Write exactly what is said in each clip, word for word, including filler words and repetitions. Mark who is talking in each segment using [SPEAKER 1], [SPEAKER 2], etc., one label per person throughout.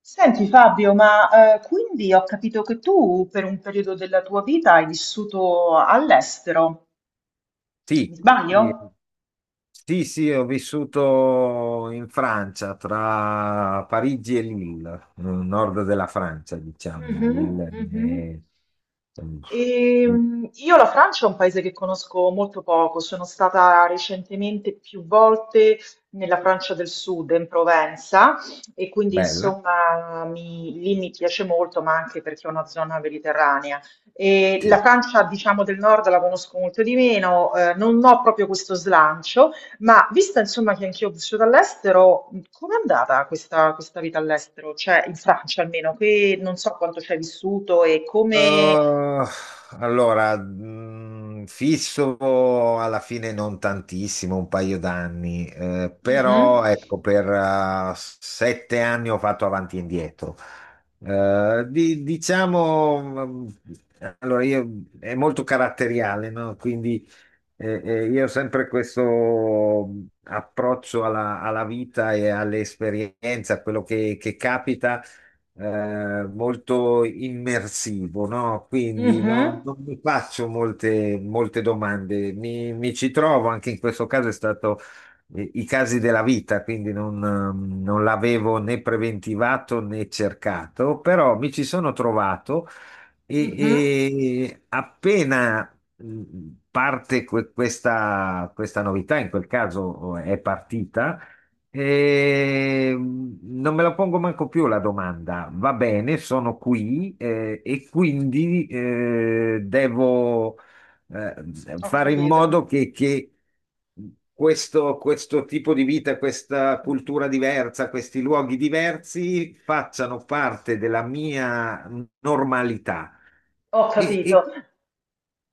[SPEAKER 1] Senti Fabio, ma eh, quindi ho capito che tu per un periodo della tua vita hai vissuto all'estero, mi
[SPEAKER 2] Sì,
[SPEAKER 1] sbaglio?
[SPEAKER 2] sì, sì, sì, ho vissuto in Francia, tra Parigi e Lille, nel nord della Francia, diciamo.
[SPEAKER 1] Mhm,
[SPEAKER 2] Lille
[SPEAKER 1] mhm.
[SPEAKER 2] è, eh,
[SPEAKER 1] Ehm, io la Francia è un paese che conosco molto poco, sono stata recentemente più volte nella Francia del Sud, in Provenza, e quindi
[SPEAKER 2] bella.
[SPEAKER 1] insomma mi- lì mi piace molto, ma anche perché è una zona mediterranea. E la
[SPEAKER 2] Sì.
[SPEAKER 1] Francia, diciamo, del nord la conosco molto di meno, eh, non ho proprio questo slancio, ma vista insomma che anch'io ho vissuto all'estero, com'è andata questa, questa vita all'estero? Cioè in Francia almeno, che non so quanto ci hai vissuto e come...
[SPEAKER 2] Uh, allora, mh, fisso alla fine non tantissimo, un paio d'anni, eh,
[SPEAKER 1] Mhm,
[SPEAKER 2] però ecco, per uh, sette anni ho fatto avanti e indietro. Eh, di- diciamo, mh, allora io è molto caratteriale, no? Quindi eh, eh, io ho sempre questo mm, approccio alla, alla vita e all'esperienza, a quello che che capita, eh, molto immersivo, no? Quindi non,
[SPEAKER 1] mhm,
[SPEAKER 2] non mi faccio molte, molte domande, mi, mi ci trovo, anche in questo caso è stato, eh, i casi della vita, quindi non, ehm, non l'avevo né preventivato né cercato, però mi ci sono trovato. e,
[SPEAKER 1] mhm.
[SPEAKER 2] e appena... mh, parte que- questa, questa novità. In quel caso, eh, è partita, eh, non me la pongo manco più la domanda. Va bene, sono qui, eh, e quindi, eh, devo, eh,
[SPEAKER 1] Ho
[SPEAKER 2] fare in
[SPEAKER 1] capito,
[SPEAKER 2] modo che, che questo, questo tipo di vita, questa cultura diversa, questi luoghi diversi facciano parte della mia normalità.
[SPEAKER 1] ho
[SPEAKER 2] E,
[SPEAKER 1] capito.
[SPEAKER 2] e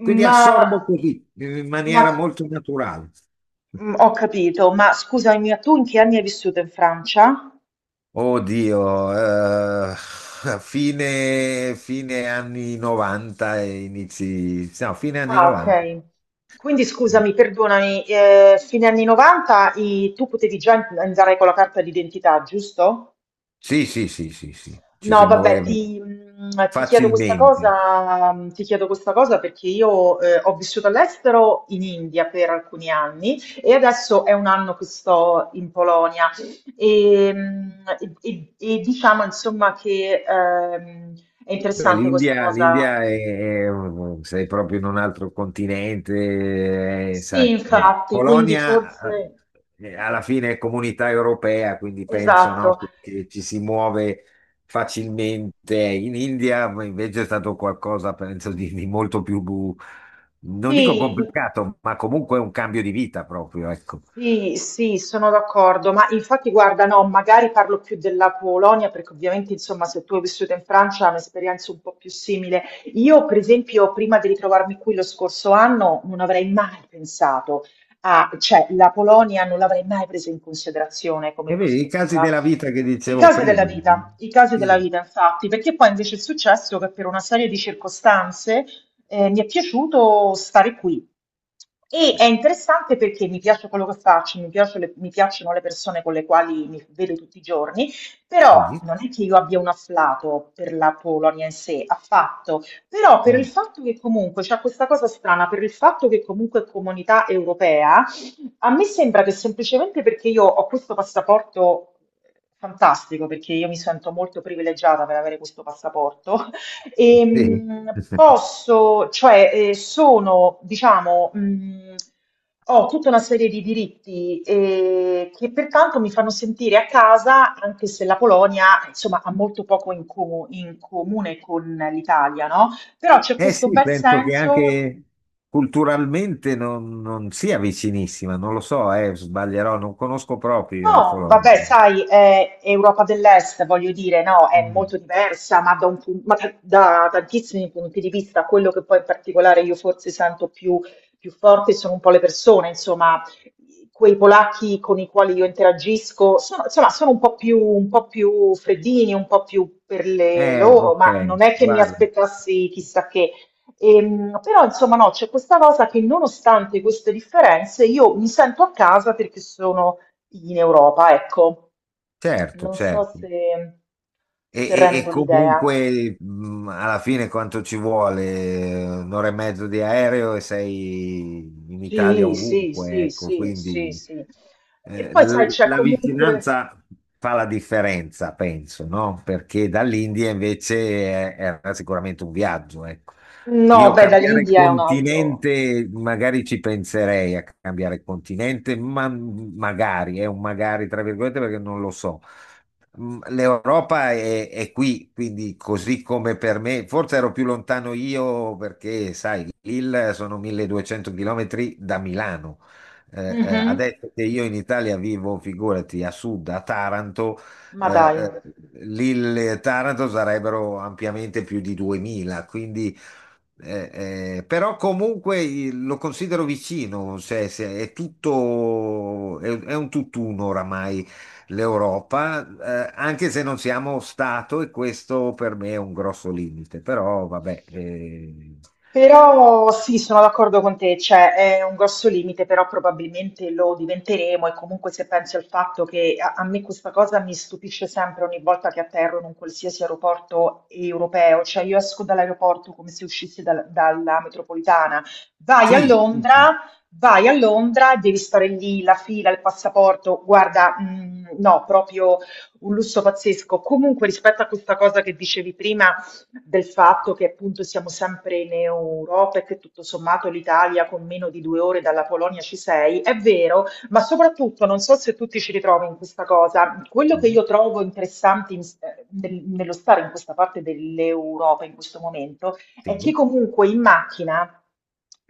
[SPEAKER 2] quindi
[SPEAKER 1] Ma,
[SPEAKER 2] assorbo così, in maniera
[SPEAKER 1] ma-
[SPEAKER 2] molto naturale.
[SPEAKER 1] mm, Ho capito, ma scusami, ma tu in che anni hai vissuto in Francia?
[SPEAKER 2] Oddio, eh, fine, fine anni novanta e inizi, no, fine anni
[SPEAKER 1] Ah,
[SPEAKER 2] novanta.
[SPEAKER 1] ok. Quindi scusami, perdonami, eh, fine anni novanta i- tu potevi già andare con la carta d'identità, giusto?
[SPEAKER 2] Sì, sì, sì, sì, sì, ci
[SPEAKER 1] No,
[SPEAKER 2] si
[SPEAKER 1] vabbè,
[SPEAKER 2] muoveva
[SPEAKER 1] ti, mh, ti chiedo questa
[SPEAKER 2] facilmente.
[SPEAKER 1] cosa, mh, ti chiedo questa cosa perché io eh, ho vissuto all'estero in India per alcuni anni e adesso è un anno che sto in Polonia e, mh, e- e- e diciamo insomma che ehm, è
[SPEAKER 2] Beh,
[SPEAKER 1] interessante questa
[SPEAKER 2] l'India
[SPEAKER 1] cosa.
[SPEAKER 2] l'India è, è un- sei proprio in un altro continente, eh,
[SPEAKER 1] Sì,
[SPEAKER 2] sai. Eh,
[SPEAKER 1] infatti, quindi
[SPEAKER 2] Polonia,
[SPEAKER 1] forse...
[SPEAKER 2] eh, eh, alla fine è comunità europea, quindi penso, no,
[SPEAKER 1] Esatto.
[SPEAKER 2] che che ci si muove facilmente. In India invece è stato qualcosa, penso, di, di molto più, non dico
[SPEAKER 1] Sì,
[SPEAKER 2] complicato, ma comunque un cambio di vita proprio, ecco.
[SPEAKER 1] sì, sì, sono d'accordo, ma infatti guarda, no, magari parlo più della Polonia perché ovviamente, insomma, se tu hai vissuto in Francia è un'esperienza un po' più simile. Io, per esempio, prima di ritrovarmi qui lo scorso anno, non avrei mai pensato a, cioè, la Polonia non l'avrei mai presa in considerazione come
[SPEAKER 2] E vedi, i casi
[SPEAKER 1] prospettiva.
[SPEAKER 2] della vita che
[SPEAKER 1] I
[SPEAKER 2] dicevo
[SPEAKER 1] casi della
[SPEAKER 2] prima.
[SPEAKER 1] vita, i casi della
[SPEAKER 2] Sì.
[SPEAKER 1] vita, infatti, perché poi invece è successo che per una serie di circostanze eh, mi è piaciuto stare qui. E è interessante perché mi piace quello che faccio, mi piace le- mi piacciono le persone con le quali mi vedo tutti i giorni,
[SPEAKER 2] Eh,
[SPEAKER 1] però
[SPEAKER 2] sì.
[SPEAKER 1] non è che io abbia un afflato per la Polonia in sé, affatto, però per il
[SPEAKER 2] Mm.
[SPEAKER 1] fatto che comunque c'è questa cosa strana, per il fatto che comunque è comunità europea, a me sembra che semplicemente perché io ho questo passaporto fantastico, perché io mi sento molto privilegiata per avere questo passaporto.
[SPEAKER 2] Sì.
[SPEAKER 1] Ehm, posso, cioè, eh, Sono, diciamo, mh, ho tutta una serie di diritti eh, che pertanto mi fanno sentire a casa, anche se la Polonia, insomma, ha molto poco in, co- in comune con l'Italia, no? Però c'è
[SPEAKER 2] Eh
[SPEAKER 1] questo
[SPEAKER 2] sì,
[SPEAKER 1] bel
[SPEAKER 2] penso che
[SPEAKER 1] senso.
[SPEAKER 2] anche culturalmente non, non sia vicinissima, non lo so, eh, sbaglierò, non conosco proprio io la
[SPEAKER 1] No, vabbè,
[SPEAKER 2] Polonia.
[SPEAKER 1] sai, è Europa dell'Est, voglio dire, no, è
[SPEAKER 2] Mm.
[SPEAKER 1] molto diversa, ma, da, un pun- ma da- da tantissimi punti di vista, quello che poi in particolare io forse sento più, più forte sono un po' le persone, insomma, quei polacchi con i quali io interagisco, sono, insomma, sono un po' più, un po' più freddini, un po' più per le
[SPEAKER 2] Eh,
[SPEAKER 1] loro,
[SPEAKER 2] ok,
[SPEAKER 1] ma non è che mi
[SPEAKER 2] guarda,
[SPEAKER 1] aspettassi chissà che. Ehm, però insomma no, c'è questa cosa che nonostante queste differenze io mi sento a casa perché sono in Europa, ecco,
[SPEAKER 2] certo,
[SPEAKER 1] non so
[SPEAKER 2] certo.
[SPEAKER 1] se,
[SPEAKER 2] E,
[SPEAKER 1] se
[SPEAKER 2] e- e
[SPEAKER 1] rendo l'idea.
[SPEAKER 2] Comunque, mh, alla fine quanto ci vuole? Un'ora e mezzo di aereo e sei in Italia
[SPEAKER 1] Sì, sì,
[SPEAKER 2] ovunque,
[SPEAKER 1] sì,
[SPEAKER 2] ecco,
[SPEAKER 1] sì, sì,
[SPEAKER 2] quindi,
[SPEAKER 1] sì. E
[SPEAKER 2] eh,
[SPEAKER 1] poi sai,
[SPEAKER 2] l-
[SPEAKER 1] c'è
[SPEAKER 2] la
[SPEAKER 1] comunque...
[SPEAKER 2] vicinanza fa la differenza, penso, no? Perché dall'India invece, eh, era sicuramente un viaggio, ecco.
[SPEAKER 1] No,
[SPEAKER 2] Io
[SPEAKER 1] beh,
[SPEAKER 2] cambiare
[SPEAKER 1] dall'India è un altro.
[SPEAKER 2] continente, magari ci penserei a cambiare continente, ma magari, è un magari tra virgolette perché non lo so. Mm, l'Europa è, è qui, quindi così come per me, forse ero più lontano io perché, sai, il sono milleduecento chilometri da Milano, eh, eh,
[SPEAKER 1] Mhm.
[SPEAKER 2] adesso che io in Italia vivo, figurati, a sud, a Taranto,
[SPEAKER 1] Ma
[SPEAKER 2] eh,
[SPEAKER 1] dai.
[SPEAKER 2] eh, lì le Taranto sarebbero ampiamente più di duemila, quindi, eh, eh, però comunque, eh, lo considero vicino, cioè, se è tutto, è, è un tutt'uno oramai l'Europa, eh, anche se non siamo stato e questo per me è un grosso limite, però vabbè, eh,
[SPEAKER 1] Però sì, sono d'accordo con te, cioè è un grosso limite, però probabilmente lo diventeremo e comunque se pensi al fatto che a, a me questa cosa mi stupisce sempre ogni volta che atterro in un qualsiasi aeroporto europeo, cioè io esco dall'aeroporto come se uscissi dal- dalla metropolitana, vai a
[SPEAKER 2] sì, sì,
[SPEAKER 1] Londra,
[SPEAKER 2] sì.
[SPEAKER 1] vai a Londra, devi stare lì, la fila, il passaporto, guarda, mh, no, proprio un lusso pazzesco. Comunque rispetto a questa cosa che dicevi prima, del fatto che appunto siamo sempre in Europa e che tutto sommato l'Italia con meno di due ore dalla Polonia ci sei, è vero, ma soprattutto non so se tu ti ci ritrovi in questa cosa, quello che
[SPEAKER 2] Mhm.
[SPEAKER 1] io trovo interessante in- eh, nel- nello stare in questa parte dell'Europa in questo momento è che
[SPEAKER 2] Sì,
[SPEAKER 1] comunque in macchina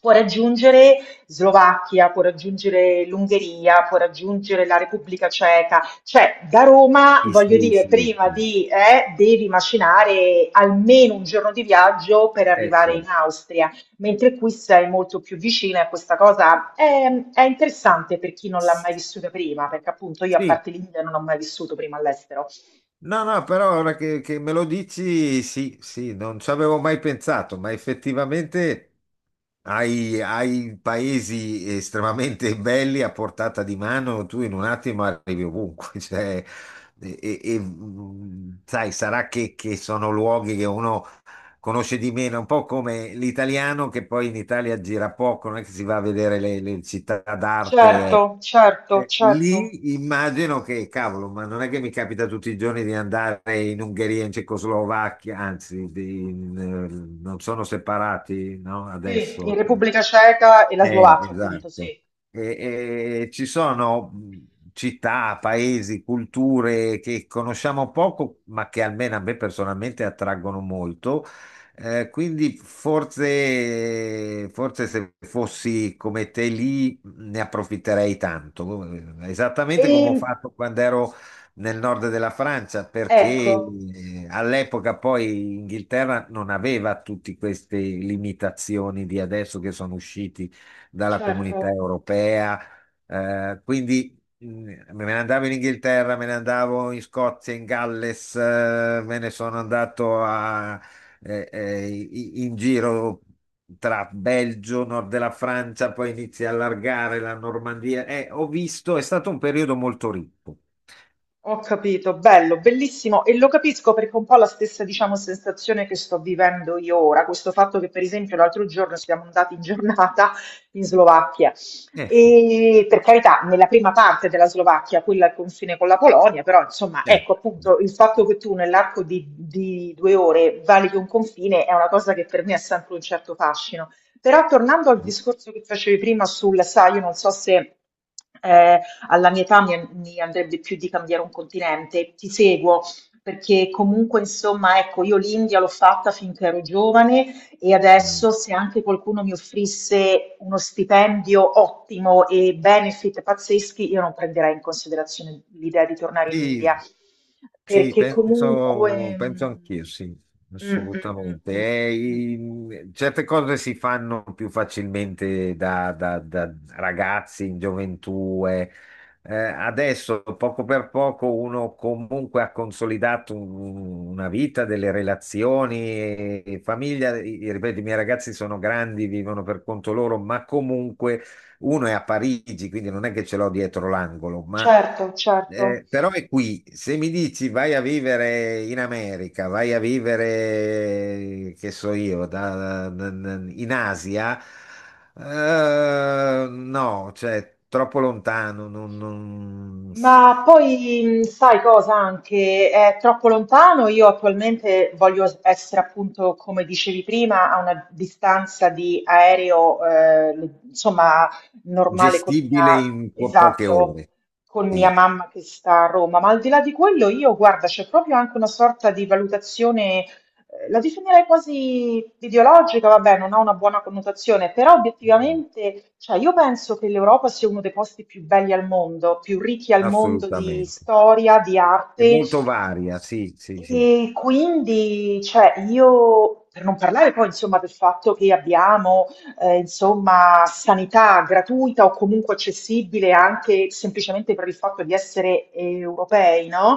[SPEAKER 1] può raggiungere Slovacchia, può raggiungere l'Ungheria, può raggiungere la Repubblica Ceca, cioè, da Roma,
[SPEAKER 2] sì,
[SPEAKER 1] voglio
[SPEAKER 2] sì.
[SPEAKER 1] dire,
[SPEAKER 2] Sì,
[SPEAKER 1] prima
[SPEAKER 2] sì.
[SPEAKER 1] di, eh, devi macinare almeno un giorno di viaggio per
[SPEAKER 2] Eh,
[SPEAKER 1] arrivare in
[SPEAKER 2] certo.
[SPEAKER 1] Austria, mentre qui sei molto più vicina e questa cosa è, è interessante per chi non l'ha mai vissuta prima, perché appunto io a
[SPEAKER 2] Sì,
[SPEAKER 1] parte l'India non ho mai vissuto prima all'estero.
[SPEAKER 2] no, no, però ora che, che me lo dici, sì, sì, non ci avevo mai pensato, ma effettivamente hai, hai paesi estremamente belli a portata di mano, tu in un attimo arrivi ovunque, cioè, e, e- e, mm, sai, sarà che, che sono luoghi che uno conosce di meno, un po' come l'italiano che poi in Italia gira poco, non è che si va a vedere le, le città d'arte.
[SPEAKER 1] Certo, certo,
[SPEAKER 2] Eh,
[SPEAKER 1] certo.
[SPEAKER 2] lì immagino che, cavolo, ma non è che mi capita tutti i giorni di andare in Ungheria, in Cecoslovacchia, anzi, di- in, eh, non sono separati, no?
[SPEAKER 1] Sì, in
[SPEAKER 2] Adesso.
[SPEAKER 1] Repubblica Ceca e la
[SPEAKER 2] Eh,
[SPEAKER 1] Slovacchia, appunto,
[SPEAKER 2] esatto.
[SPEAKER 1] sì.
[SPEAKER 2] E- e ci sono, mh, città, paesi, culture che conosciamo poco, ma che almeno a me personalmente attraggono molto. Eh, quindi forse, forse se fossi come te lì ne approfitterei tanto. Eh, esattamente come ho
[SPEAKER 1] E
[SPEAKER 2] fatto quando ero nel nord della Francia, perché,
[SPEAKER 1] ecco,
[SPEAKER 2] eh, all'epoca poi Inghilterra non aveva tutte queste limitazioni di adesso che sono usciti dalla comunità
[SPEAKER 1] certo.
[SPEAKER 2] europea. Eh, quindi, mh, me ne andavo in Inghilterra, me ne andavo in Scozia, in Galles, eh, me ne sono andato a- eh, eh, i- in giro tra Belgio, nord della Francia, poi inizi a allargare la Normandia. Eh, ho visto, è stato un periodo molto ricco.
[SPEAKER 1] Ho capito, bello, bellissimo e lo capisco perché è un po' la stessa, diciamo, sensazione che sto vivendo io ora, questo fatto che per esempio l'altro giorno siamo andati in giornata in Slovacchia
[SPEAKER 2] Eh sì,
[SPEAKER 1] e per carità, nella prima parte della Slovacchia, quella al confine con la Polonia, però insomma,
[SPEAKER 2] certo.
[SPEAKER 1] ecco appunto il fatto che tu nell'arco di, di due ore valichi un confine è una cosa che per me ha sempre un certo fascino. Però tornando al discorso che facevi prima sul, sai, io non so se... eh, alla mia età mi, an- mi andrebbe più di cambiare un continente. Ti seguo perché comunque, insomma, ecco, io l'India l'ho fatta finché ero giovane e
[SPEAKER 2] Mm.
[SPEAKER 1] adesso se anche qualcuno mi offrisse uno stipendio ottimo e benefit pazzeschi, io non prenderei in considerazione l'idea di tornare in India,
[SPEAKER 2] Sì. Sì,
[SPEAKER 1] perché
[SPEAKER 2] penso,
[SPEAKER 1] comunque...
[SPEAKER 2] penso anch'io, sì,
[SPEAKER 1] Mm, mm, mm,
[SPEAKER 2] assolutamente.
[SPEAKER 1] mm, mm,
[SPEAKER 2] Eh,
[SPEAKER 1] mm, mm,
[SPEAKER 2] i- certe cose si fanno più facilmente da, da- da ragazzi in gioventù, eh. Eh, adesso, poco per poco, uno comunque ha consolidato un- una vita, delle relazioni e, e famiglia. I- ripeto, i miei ragazzi sono grandi, vivono per conto loro, ma comunque uno è a Parigi, quindi non è che ce l'ho dietro l'angolo, ma,
[SPEAKER 1] certo, certo.
[SPEAKER 2] eh, però è qui. Se mi dici vai a vivere in America, vai a vivere, che so io, da- da- da- in Asia, eh, no, cioè troppo lontano, non, non-
[SPEAKER 1] Ma poi mh, sai cosa anche? È troppo lontano. Io attualmente voglio s- essere appunto, come dicevi prima, a una distanza di aereo, eh, le- insomma, normale con
[SPEAKER 2] gestibile
[SPEAKER 1] mia,
[SPEAKER 2] in po- poche
[SPEAKER 1] esatto,
[SPEAKER 2] ore.
[SPEAKER 1] con mia
[SPEAKER 2] Sì,
[SPEAKER 1] mamma che sta a Roma. Ma al di là di quello, io guarda, c'è proprio anche una sorta di valutazione eh, la definirei quasi ideologica, vabbè, non ha una buona connotazione, però obiettivamente, cioè, io penso che l'Europa sia uno dei posti più belli al mondo, più ricchi al mondo di
[SPEAKER 2] assolutamente.
[SPEAKER 1] storia, di
[SPEAKER 2] È
[SPEAKER 1] arte
[SPEAKER 2] molto varia, sì, sì, sì.
[SPEAKER 1] e quindi, cioè, io, per non parlare poi, insomma, del fatto che abbiamo, eh, insomma, sanità gratuita o comunque accessibile anche semplicemente per il fatto di essere europei, no?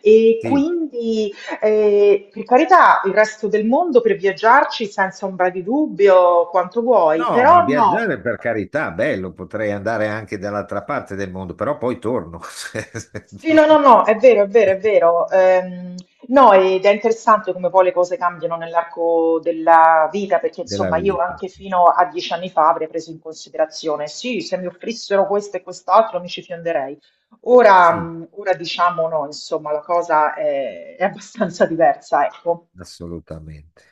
[SPEAKER 1] E
[SPEAKER 2] Sì.
[SPEAKER 1] quindi, eh, per carità, il resto del mondo per viaggiarci senza ombra di dubbio, quanto vuoi,
[SPEAKER 2] No, ma
[SPEAKER 1] però no.
[SPEAKER 2] viaggiare per carità, bello, potrei andare anche dall'altra parte del mondo, però poi torno
[SPEAKER 1] Sì, no, no, no, è vero, è vero, è vero. Ehm, no, ed è interessante come poi le cose cambiano nell'arco della vita, perché
[SPEAKER 2] della
[SPEAKER 1] insomma io
[SPEAKER 2] vita.
[SPEAKER 1] anche fino a dieci anni fa avrei preso in considerazione, sì, se mi offrissero questo e quest'altro mi ci fionderei. Ora,
[SPEAKER 2] Sì,
[SPEAKER 1] mh, ora diciamo no, insomma, la cosa è, è abbastanza diversa, ecco.
[SPEAKER 2] assolutamente.